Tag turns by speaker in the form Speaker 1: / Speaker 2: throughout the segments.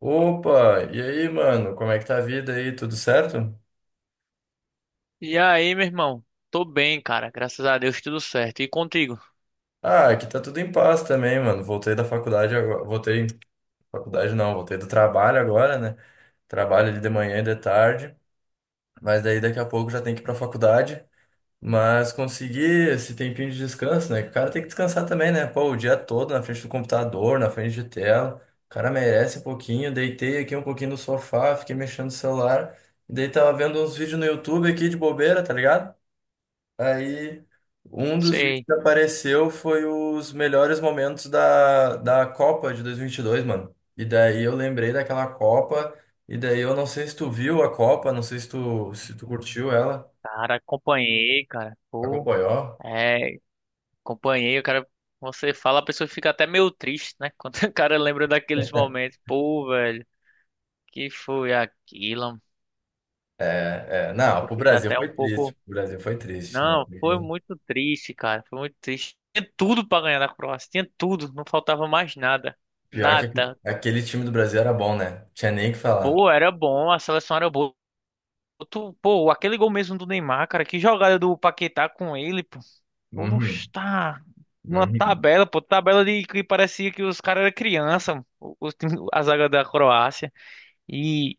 Speaker 1: Opa, e aí, mano? Como é que tá a vida aí? Tudo certo?
Speaker 2: E aí, meu irmão? Tô bem, cara. Graças a Deus, tudo certo. E contigo?
Speaker 1: Ah, aqui tá tudo em paz também, mano. Voltei da faculdade agora. Voltei, faculdade não, voltei do trabalho agora, né? Trabalho ali de manhã e de tarde, mas daí daqui a pouco já tem que ir pra faculdade. Mas consegui esse tempinho de descanso, né? Que o cara tem que descansar também, né? Pô, o dia todo na frente do computador, na frente de tela. O cara merece um pouquinho. Deitei aqui um pouquinho no sofá, fiquei mexendo no celular. E daí tava vendo uns vídeos no YouTube aqui de bobeira, tá ligado? Aí, um dos vídeos
Speaker 2: Sei.
Speaker 1: que apareceu foi os melhores momentos da Copa de dois mil e vinte e dois, mano. E daí eu lembrei daquela Copa, e daí eu não sei se tu viu a Copa, não sei se tu curtiu
Speaker 2: Uhum.
Speaker 1: ela,
Speaker 2: Cara, acompanhei, cara. Pô,
Speaker 1: acompanhou.
Speaker 2: é, acompanhei. O cara, você fala, a pessoa fica até meio triste, né? Quando o cara lembra daqueles momentos. Pô, velho, que foi aquilo?
Speaker 1: É, é,
Speaker 2: A
Speaker 1: não,
Speaker 2: pessoa
Speaker 1: pro
Speaker 2: fica
Speaker 1: Brasil
Speaker 2: até
Speaker 1: foi
Speaker 2: um
Speaker 1: triste,
Speaker 2: pouco.
Speaker 1: pro Brasil foi triste. Não.
Speaker 2: Não, foi muito triste, cara. Foi muito triste. Tinha tudo pra ganhar da Croácia. Tinha tudo. Não faltava mais nada.
Speaker 1: Pior que aque-
Speaker 2: Nada.
Speaker 1: aquele time do Brasil era bom, né? Tinha nem o que falar.
Speaker 2: Pô, era bom. A seleção era boa. Tu, pô, aquele gol mesmo do Neymar, cara, que jogada do Paquetá com ele, pô. Pô,
Speaker 1: Uhum,
Speaker 2: tá uma
Speaker 1: uhum.
Speaker 2: tabela, pô, tabela de que parecia que os caras eram criança, a zaga da Croácia e,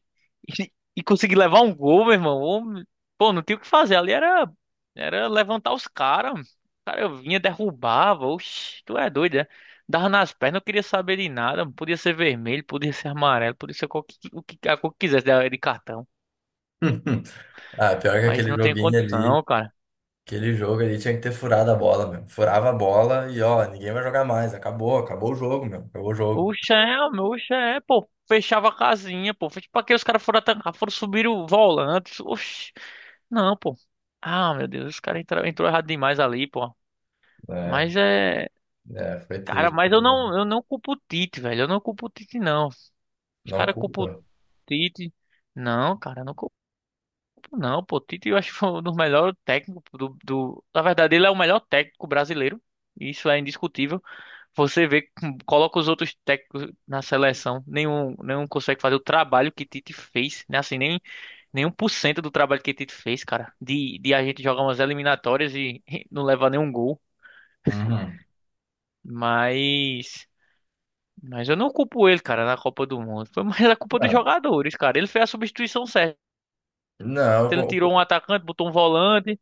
Speaker 2: e conseguir levar um gol, meu irmão. Ô, pô, não tinha o que fazer, ali era era levantar os caras. O cara vinha derrubava, oxi, tu é doido, né? Dava nas pernas, não queria saber de nada, podia ser vermelho, podia ser amarelo, podia ser qualquer, o que a cor que quisesse de cartão,
Speaker 1: Ah, pior que
Speaker 2: mas
Speaker 1: aquele
Speaker 2: não tem
Speaker 1: joguinho ali.
Speaker 2: condição, cara.
Speaker 1: Aquele jogo ali tinha que ter furado a bola, meu. Furava a bola e, ó, ninguém vai jogar mais. Acabou o jogo, meu. Acabou o jogo.
Speaker 2: Oxe, é, meu, oxe, é, pô. Fechava a casinha, pô. Fez pra que os caras foram atacar, foram subir o volante. Oxe, não, pô. Ah, meu Deus, os caras entraram entrou errado demais ali, pô.
Speaker 1: É,
Speaker 2: Mas é.
Speaker 1: é, foi
Speaker 2: Cara,
Speaker 1: triste.
Speaker 2: eu não culpo o Tite, velho. Eu não culpo o Tite, não. Os
Speaker 1: Não
Speaker 2: caras culpam o
Speaker 1: culpa.
Speaker 2: Tite. Não, cara, eu não culpo, não, pô. O Tite eu acho que foi um dos melhores técnicos do. Na verdade, ele é o melhor técnico brasileiro. Isso é indiscutível. Você vê, coloca os outros técnicos na seleção, nenhum consegue fazer o trabalho que Tite fez, né? Assim, nem nenhum por cento do trabalho que Tite fez, cara, de a gente jogar umas eliminatórias e não levar nenhum gol.
Speaker 1: Uhum.
Speaker 2: Mas, mas eu não culpo ele, cara, na Copa do Mundo. Foi mais a culpa dos
Speaker 1: Ah,
Speaker 2: jogadores, cara. Ele fez a substituição certa.
Speaker 1: não,
Speaker 2: Ele tirou um
Speaker 1: co-
Speaker 2: atacante, botou um volante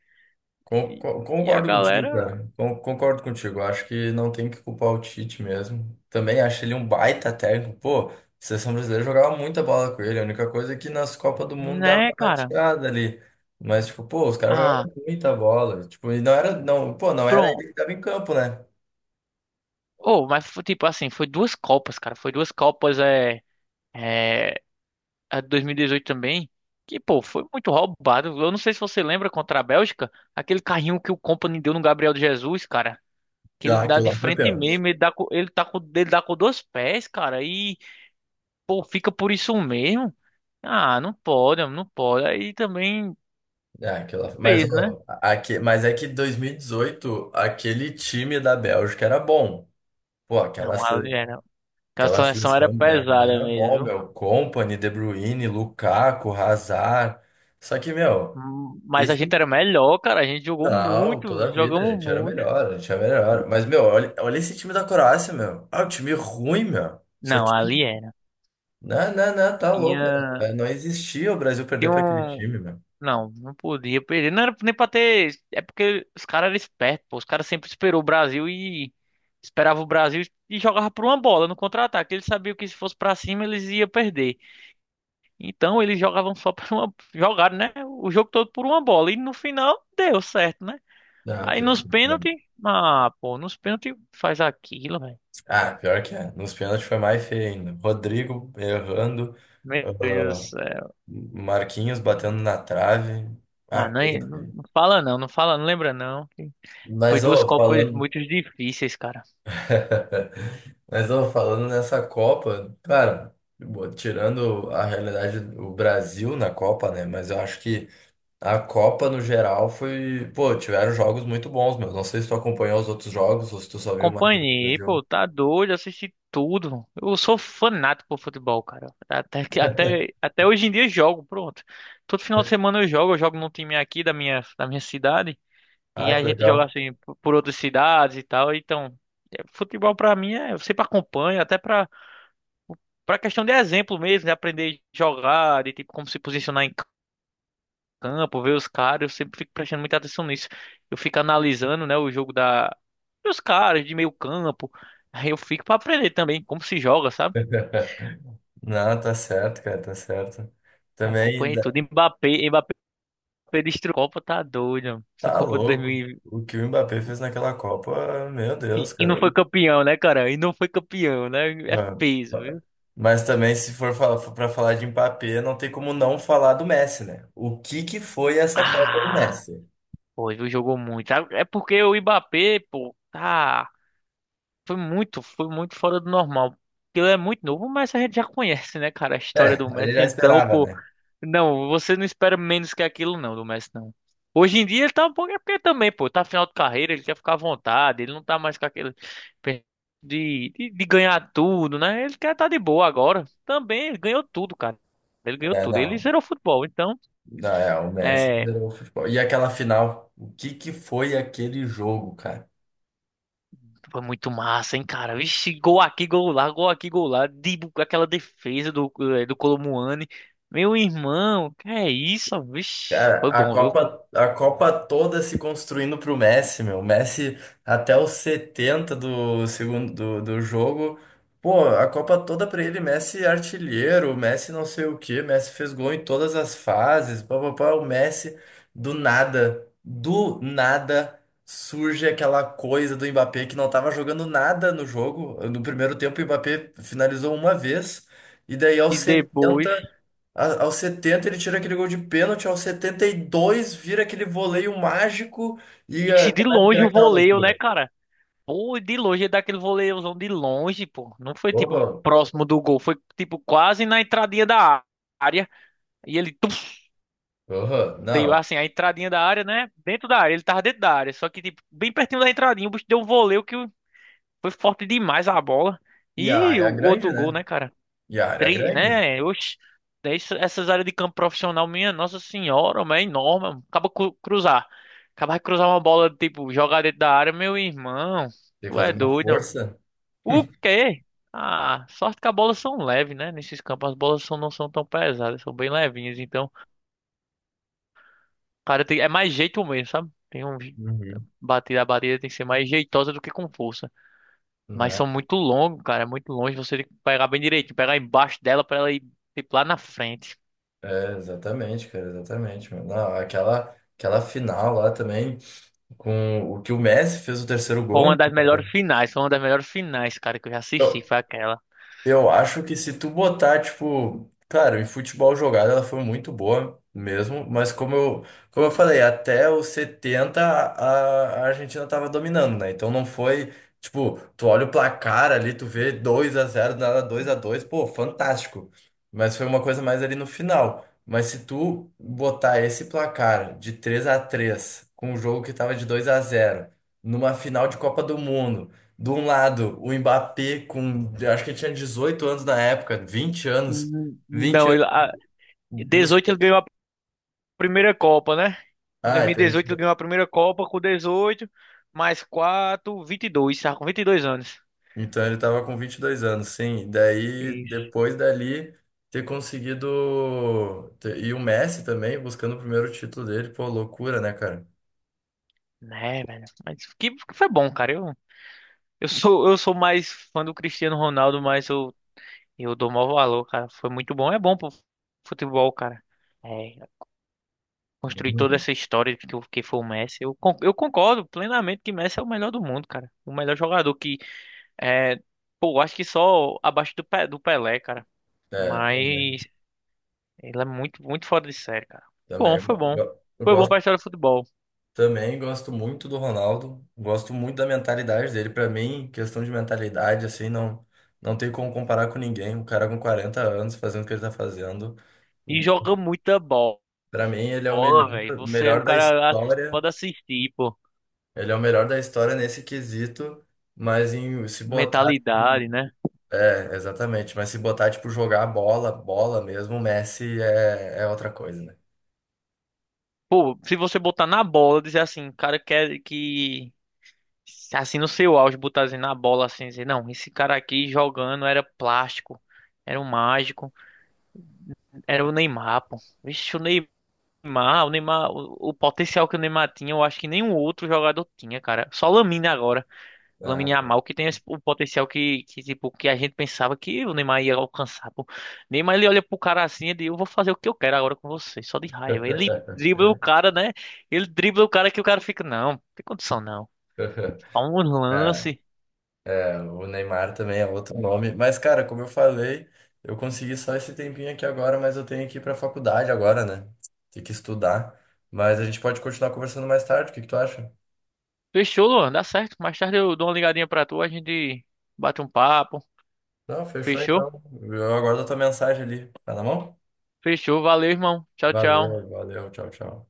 Speaker 1: Con-
Speaker 2: e,
Speaker 1: con-
Speaker 2: e a
Speaker 1: Concordo contigo,
Speaker 2: galera,
Speaker 1: cara. Concordo contigo. Acho que não tem que culpar o Tite mesmo. Também acho ele um baita técnico. Pô, a seleção brasileira jogava muita bola com ele. A única coisa é que nas Copas do Mundo dava
Speaker 2: né,
Speaker 1: uma
Speaker 2: cara?
Speaker 1: rateada ali. Mas, tipo, pô, os caras
Speaker 2: Ah,
Speaker 1: jogavam muita bola. Tipo, e não era, não, pô, não era
Speaker 2: pronto.
Speaker 1: ele que tava em campo, né?
Speaker 2: Oh, mas foi, tipo assim, foi duas Copas, cara. Foi duas Copas, é, a de 2018 também, que, pô, foi muito roubado. Eu não sei se você lembra contra a Bélgica, aquele carrinho que o Company deu no Gabriel Jesus, cara. Que ele
Speaker 1: Ah,
Speaker 2: dá
Speaker 1: aquilo
Speaker 2: de
Speaker 1: lá foi
Speaker 2: frente
Speaker 1: pênalti.
Speaker 2: mesmo, ele dá com dois pés, cara, e, pô, fica por isso mesmo. Ah, não pode, não pode. Aí também
Speaker 1: É, aquilo lá. Mas,
Speaker 2: fez, né?
Speaker 1: ó, mas é que 2018, aquele time da Bélgica era bom. Pô, aquela,
Speaker 2: Não, ali era. Aquela
Speaker 1: Aquela
Speaker 2: seleção era
Speaker 1: seleção belga
Speaker 2: pesada
Speaker 1: era
Speaker 2: mesmo,
Speaker 1: bom,
Speaker 2: viu?
Speaker 1: meu. Company De Bruyne, Lukaku, Hazard. Só que, meu,
Speaker 2: Mas a
Speaker 1: esse
Speaker 2: gente era melhor, cara. A gente jogou
Speaker 1: não,
Speaker 2: muito,
Speaker 1: toda a vida a
Speaker 2: jogamos
Speaker 1: gente era
Speaker 2: muito.
Speaker 1: melhor, a gente era melhor. Mas, meu, olha, olha esse time da Croácia, meu. Ah, o time ruim, meu. Só
Speaker 2: Não,
Speaker 1: tinha.
Speaker 2: ali era.
Speaker 1: Não, não, não, tá louco, cara.
Speaker 2: Tinha.
Speaker 1: É, não existia o Brasil
Speaker 2: Tem
Speaker 1: perder pra aquele
Speaker 2: um.
Speaker 1: time, meu.
Speaker 2: Não, não podia perder. Não era nem pra ter. É porque os caras eram espertos, pô. Os caras sempre esperou o Brasil e. Esperava o Brasil e jogava por uma bola no contra-ataque. Eles sabiam que se fosse pra cima eles iam perder. Então eles jogavam só por uma. Jogaram, né? O jogo todo por uma bola. E no final deu certo, né?
Speaker 1: Ah,
Speaker 2: Aí
Speaker 1: pior,
Speaker 2: nos
Speaker 1: que
Speaker 2: pênaltis.
Speaker 1: é.
Speaker 2: Ah, pô, nos pênaltis faz aquilo, velho.
Speaker 1: Ah, pior que é. Nos pênaltis foi mais feio ainda. Rodrigo errando,
Speaker 2: Meu Deus do
Speaker 1: ah,
Speaker 2: céu.
Speaker 1: Marquinhos batendo na trave. Ah,
Speaker 2: Ah, não,
Speaker 1: coisa
Speaker 2: é, não
Speaker 1: feia.
Speaker 2: fala não, não fala, não lembra não. Foi
Speaker 1: Mas,
Speaker 2: duas
Speaker 1: ó,
Speaker 2: Copas
Speaker 1: falando.
Speaker 2: muito difíceis, cara.
Speaker 1: Mas, ó, falando nessa Copa, cara, tirando a realidade do Brasil na Copa, né? Mas eu acho que a Copa no geral foi. Pô, tiveram jogos muito bons, meu. Não sei se tu acompanhou os outros jogos ou se tu só viu mais jogo do
Speaker 2: Acompanhei, pô,
Speaker 1: Brasil.
Speaker 2: tá doido, assisti tudo. Eu sou fanático por futebol, cara. Até hoje em dia eu jogo, pronto. Todo final de semana eu jogo num time aqui da minha cidade.
Speaker 1: Ah,
Speaker 2: E a
Speaker 1: que
Speaker 2: gente joga
Speaker 1: legal.
Speaker 2: por outras cidades e tal. Então, é, futebol pra mim é, eu sempre acompanho, até pra para questão de exemplo mesmo, de aprender a jogar, de tipo como se posicionar em campo, ver os caras, eu sempre fico prestando muita atenção nisso. Eu fico analisando, né, o jogo da dos caras de meio campo. Aí eu fico pra aprender também como se joga, sabe?
Speaker 1: Não, tá certo, cara, tá certo. Também
Speaker 2: Acompanhei
Speaker 1: ainda-
Speaker 2: tudo. Mbappé destruiu a Copa, tá doido, mano. Essa
Speaker 1: tá
Speaker 2: Copa de
Speaker 1: louco.
Speaker 2: 2020.
Speaker 1: O que o Mbappé fez naquela Copa, meu
Speaker 2: E vinte.
Speaker 1: Deus,
Speaker 2: E não
Speaker 1: cara.
Speaker 2: foi campeão, né, cara? E não foi campeão, né? É
Speaker 1: Ah.
Speaker 2: peso, viu?
Speaker 1: Mas também, se for para falar de Mbappé, não tem como não falar do Messi, né? O que que foi essa Copa do
Speaker 2: Ah,
Speaker 1: Messi?
Speaker 2: foi, viu? Jogou muito. Ah, é porque o Mbappé, pô, tá. Foi muito fora do normal. Ele é muito novo, mas a gente já conhece, né, cara, a história
Speaker 1: É,
Speaker 2: do
Speaker 1: a gente
Speaker 2: Messi.
Speaker 1: já
Speaker 2: Então,
Speaker 1: esperava,
Speaker 2: pô,
Speaker 1: né?
Speaker 2: não, você não espera menos que aquilo, não, do Messi, não. Hoje em dia ele tá um pouco. É porque também, pô, tá final de carreira, ele quer ficar à vontade, ele não tá mais com aquele. Pe- de ganhar tudo, né? Ele quer tá de boa agora. Também, ele ganhou tudo, cara. Ele ganhou
Speaker 1: É,
Speaker 2: tudo. Ele
Speaker 1: não.
Speaker 2: zerou o futebol. Então,
Speaker 1: Não, é, o Messi
Speaker 2: é,
Speaker 1: liderou o futebol. E aquela final, o que que foi aquele jogo, cara?
Speaker 2: foi muito massa, hein, cara? Vixe, gol aqui, gol lá, gol aqui, gol lá. Aquela defesa do, do Colomuani. Meu irmão, que é isso? Vixe,
Speaker 1: Cara,
Speaker 2: foi bom, viu?
Speaker 1: A Copa toda se construindo pro Messi, meu. O Messi até os 70 do segundo do jogo. Pô, a Copa toda pra ele, Messi artilheiro, Messi não sei o quê, Messi fez gol em todas as fases, pá, pá, pá, o Messi do nada surge aquela coisa do Mbappé que não tava jogando nada no jogo. No primeiro tempo, o Mbappé finalizou uma vez. E daí aos
Speaker 2: E depois.
Speaker 1: 70 aos 70 ele tira aquele gol de pênalti, aos 72 vira aquele voleio mágico e
Speaker 2: E se de
Speaker 1: começa a virar
Speaker 2: longe o
Speaker 1: aquela
Speaker 2: voleio, né,
Speaker 1: loucura.
Speaker 2: cara? Pô, de longe, é daquele voleiozão de longe, pô. Não foi tipo
Speaker 1: Horror,
Speaker 2: próximo do gol, foi tipo quase na entradinha da área. E ele tum,
Speaker 1: horror,
Speaker 2: deu
Speaker 1: não.
Speaker 2: assim, a entradinha da área, né? Dentro da área, ele tava dentro da área. Só que, tipo, bem pertinho da entradinha, o bicho deu um voleio que foi forte demais a bola.
Speaker 1: E a
Speaker 2: E
Speaker 1: área
Speaker 2: o
Speaker 1: é grande,
Speaker 2: outro gol,
Speaker 1: né?
Speaker 2: né, cara?
Speaker 1: E a área é
Speaker 2: Três,
Speaker 1: grande.
Speaker 2: né? Oxe, essa- essas áreas de campo profissional, minha Nossa Senhora, mas é enorme, mano. Acaba cru- cruzar. Acaba de cruzar uma bola, tipo, jogar dentro da área, meu irmão.
Speaker 1: Tem que
Speaker 2: Tu
Speaker 1: fazer
Speaker 2: é
Speaker 1: uma
Speaker 2: doido, mano.
Speaker 1: força.
Speaker 2: O quê? Ah, sorte que as bolas são leves, né? Nesses campos as bolas são, não são tão pesadas, são bem levinhas. Então, o cara, tem, é mais jeito mesmo, sabe? Tem um
Speaker 1: Uhum.
Speaker 2: batida, a batida tem que ser mais jeitosa do que com força. Mas
Speaker 1: Né?
Speaker 2: são muito longos, cara. É muito longe. Você tem que pegar bem direitinho, pegar embaixo dela pra ela ir tipo, lá na frente.
Speaker 1: É, exatamente, cara, exatamente, mano. Não, aquela final lá também, com o que o Messi fez o terceiro
Speaker 2: Foi
Speaker 1: gol, né?
Speaker 2: uma das melhores finais. Foi uma das melhores finais, cara, que eu já assisti. Foi aquela.
Speaker 1: Eu acho que se tu botar, tipo, claro, em futebol jogado ela foi muito boa mesmo, mas como eu falei, até os 70 a Argentina tava dominando, né? Então não foi, tipo, tu olha o placar ali, tu vê 2 a zero nada 2 a dois, pô, fantástico. Mas foi uma coisa mais ali no final. Mas se tu botar esse placar de 3 a 3 com o jogo que tava de 2 a zero numa final de Copa do Mundo, de um lado, o Mbappé com, eu acho que ele tinha 18 anos na época, 20 anos, 20
Speaker 2: Não,
Speaker 1: anos,
Speaker 2: 18
Speaker 1: busca-
Speaker 2: ele ganhou a primeira Copa, né? Em
Speaker 1: ah, então ele
Speaker 2: 2018 ele ganhou a primeira Copa com 18, mais 4, 22, sabe? Com 22 anos.
Speaker 1: então ele tava com 22 anos, sim, daí,
Speaker 2: Isso.
Speaker 1: depois dali, ter conseguido, e o Messi também, buscando o primeiro título dele, pô, loucura, né, cara?
Speaker 2: Né, velho. Mas que foi bom, cara. Eu sou mais fã do Cristiano Ronaldo, mas eu e eu dou maior valor, cara. Foi muito bom. É bom pro futebol, cara. É, construir toda
Speaker 1: Uhum.
Speaker 2: essa história que foi o Messi. Eu concordo plenamente que Messi é o melhor do mundo, cara. O melhor jogador que é, pô, acho que só abaixo do Pelé, cara.
Speaker 1: É, também,
Speaker 2: Mas ele é muito fora de série, cara. Bom, foi
Speaker 1: eu,
Speaker 2: bom.
Speaker 1: go- eu
Speaker 2: Foi bom pra
Speaker 1: gosto.
Speaker 2: história do futebol.
Speaker 1: Também gosto muito do Ronaldo, gosto muito da mentalidade dele. Para mim, questão de mentalidade, assim, não, não tem como comparar com ninguém. Um cara com 40 anos fazendo o que ele tá fazendo.
Speaker 2: E joga muita
Speaker 1: Para mim, ele é o
Speaker 2: bola,
Speaker 1: melhor,
Speaker 2: velho. Você, o
Speaker 1: melhor da
Speaker 2: cara ass-
Speaker 1: história.
Speaker 2: pode assistir, pô.
Speaker 1: Ele é o melhor da história nesse quesito, mas em se botar,
Speaker 2: Mentalidade,
Speaker 1: assim,
Speaker 2: né?
Speaker 1: é, exatamente. Mas se botar, tipo, jogar bola, bola mesmo, o Messi é outra coisa, né?
Speaker 2: Pô, se você botar na bola, dizer assim, o cara quer que assim no seu auge, botar assim na bola assim, dizer, não, esse cara aqui jogando era plástico, era um mágico, era o Neymar, pô. Vixe, o potencial que o Neymar tinha, eu acho que nenhum outro jogador tinha, cara. Só o Lamine agora, o Lamine
Speaker 1: Ah,
Speaker 2: Yamal que tem esse- o potencial que tipo que a gente pensava que o Neymar ia alcançar, pô. Neymar ele olha pro cara assim e diz, eu vou fazer o que eu quero agora com você, só de raiva. Ele dribla o cara, né? Ele dribla o cara que o cara fica, não, não tem condição não. Dá um
Speaker 1: é.
Speaker 2: lance.
Speaker 1: Então, o Neymar também é outro nome. Mas, cara, como eu falei, eu consegui só esse tempinho aqui agora, mas eu tenho que ir pra faculdade agora, né? Tem que estudar. Mas a gente pode continuar conversando mais tarde, o que que tu acha?
Speaker 2: Fechou, Luan, dá certo. Mais tarde eu dou uma ligadinha pra tu, a gente bate um papo.
Speaker 1: Não, fechou
Speaker 2: Fechou?
Speaker 1: então. Eu aguardo a tua mensagem ali. Tá na mão?
Speaker 2: Fechou, valeu, irmão. Tchau, tchau.
Speaker 1: Valeu, valeu. Tchau, tchau.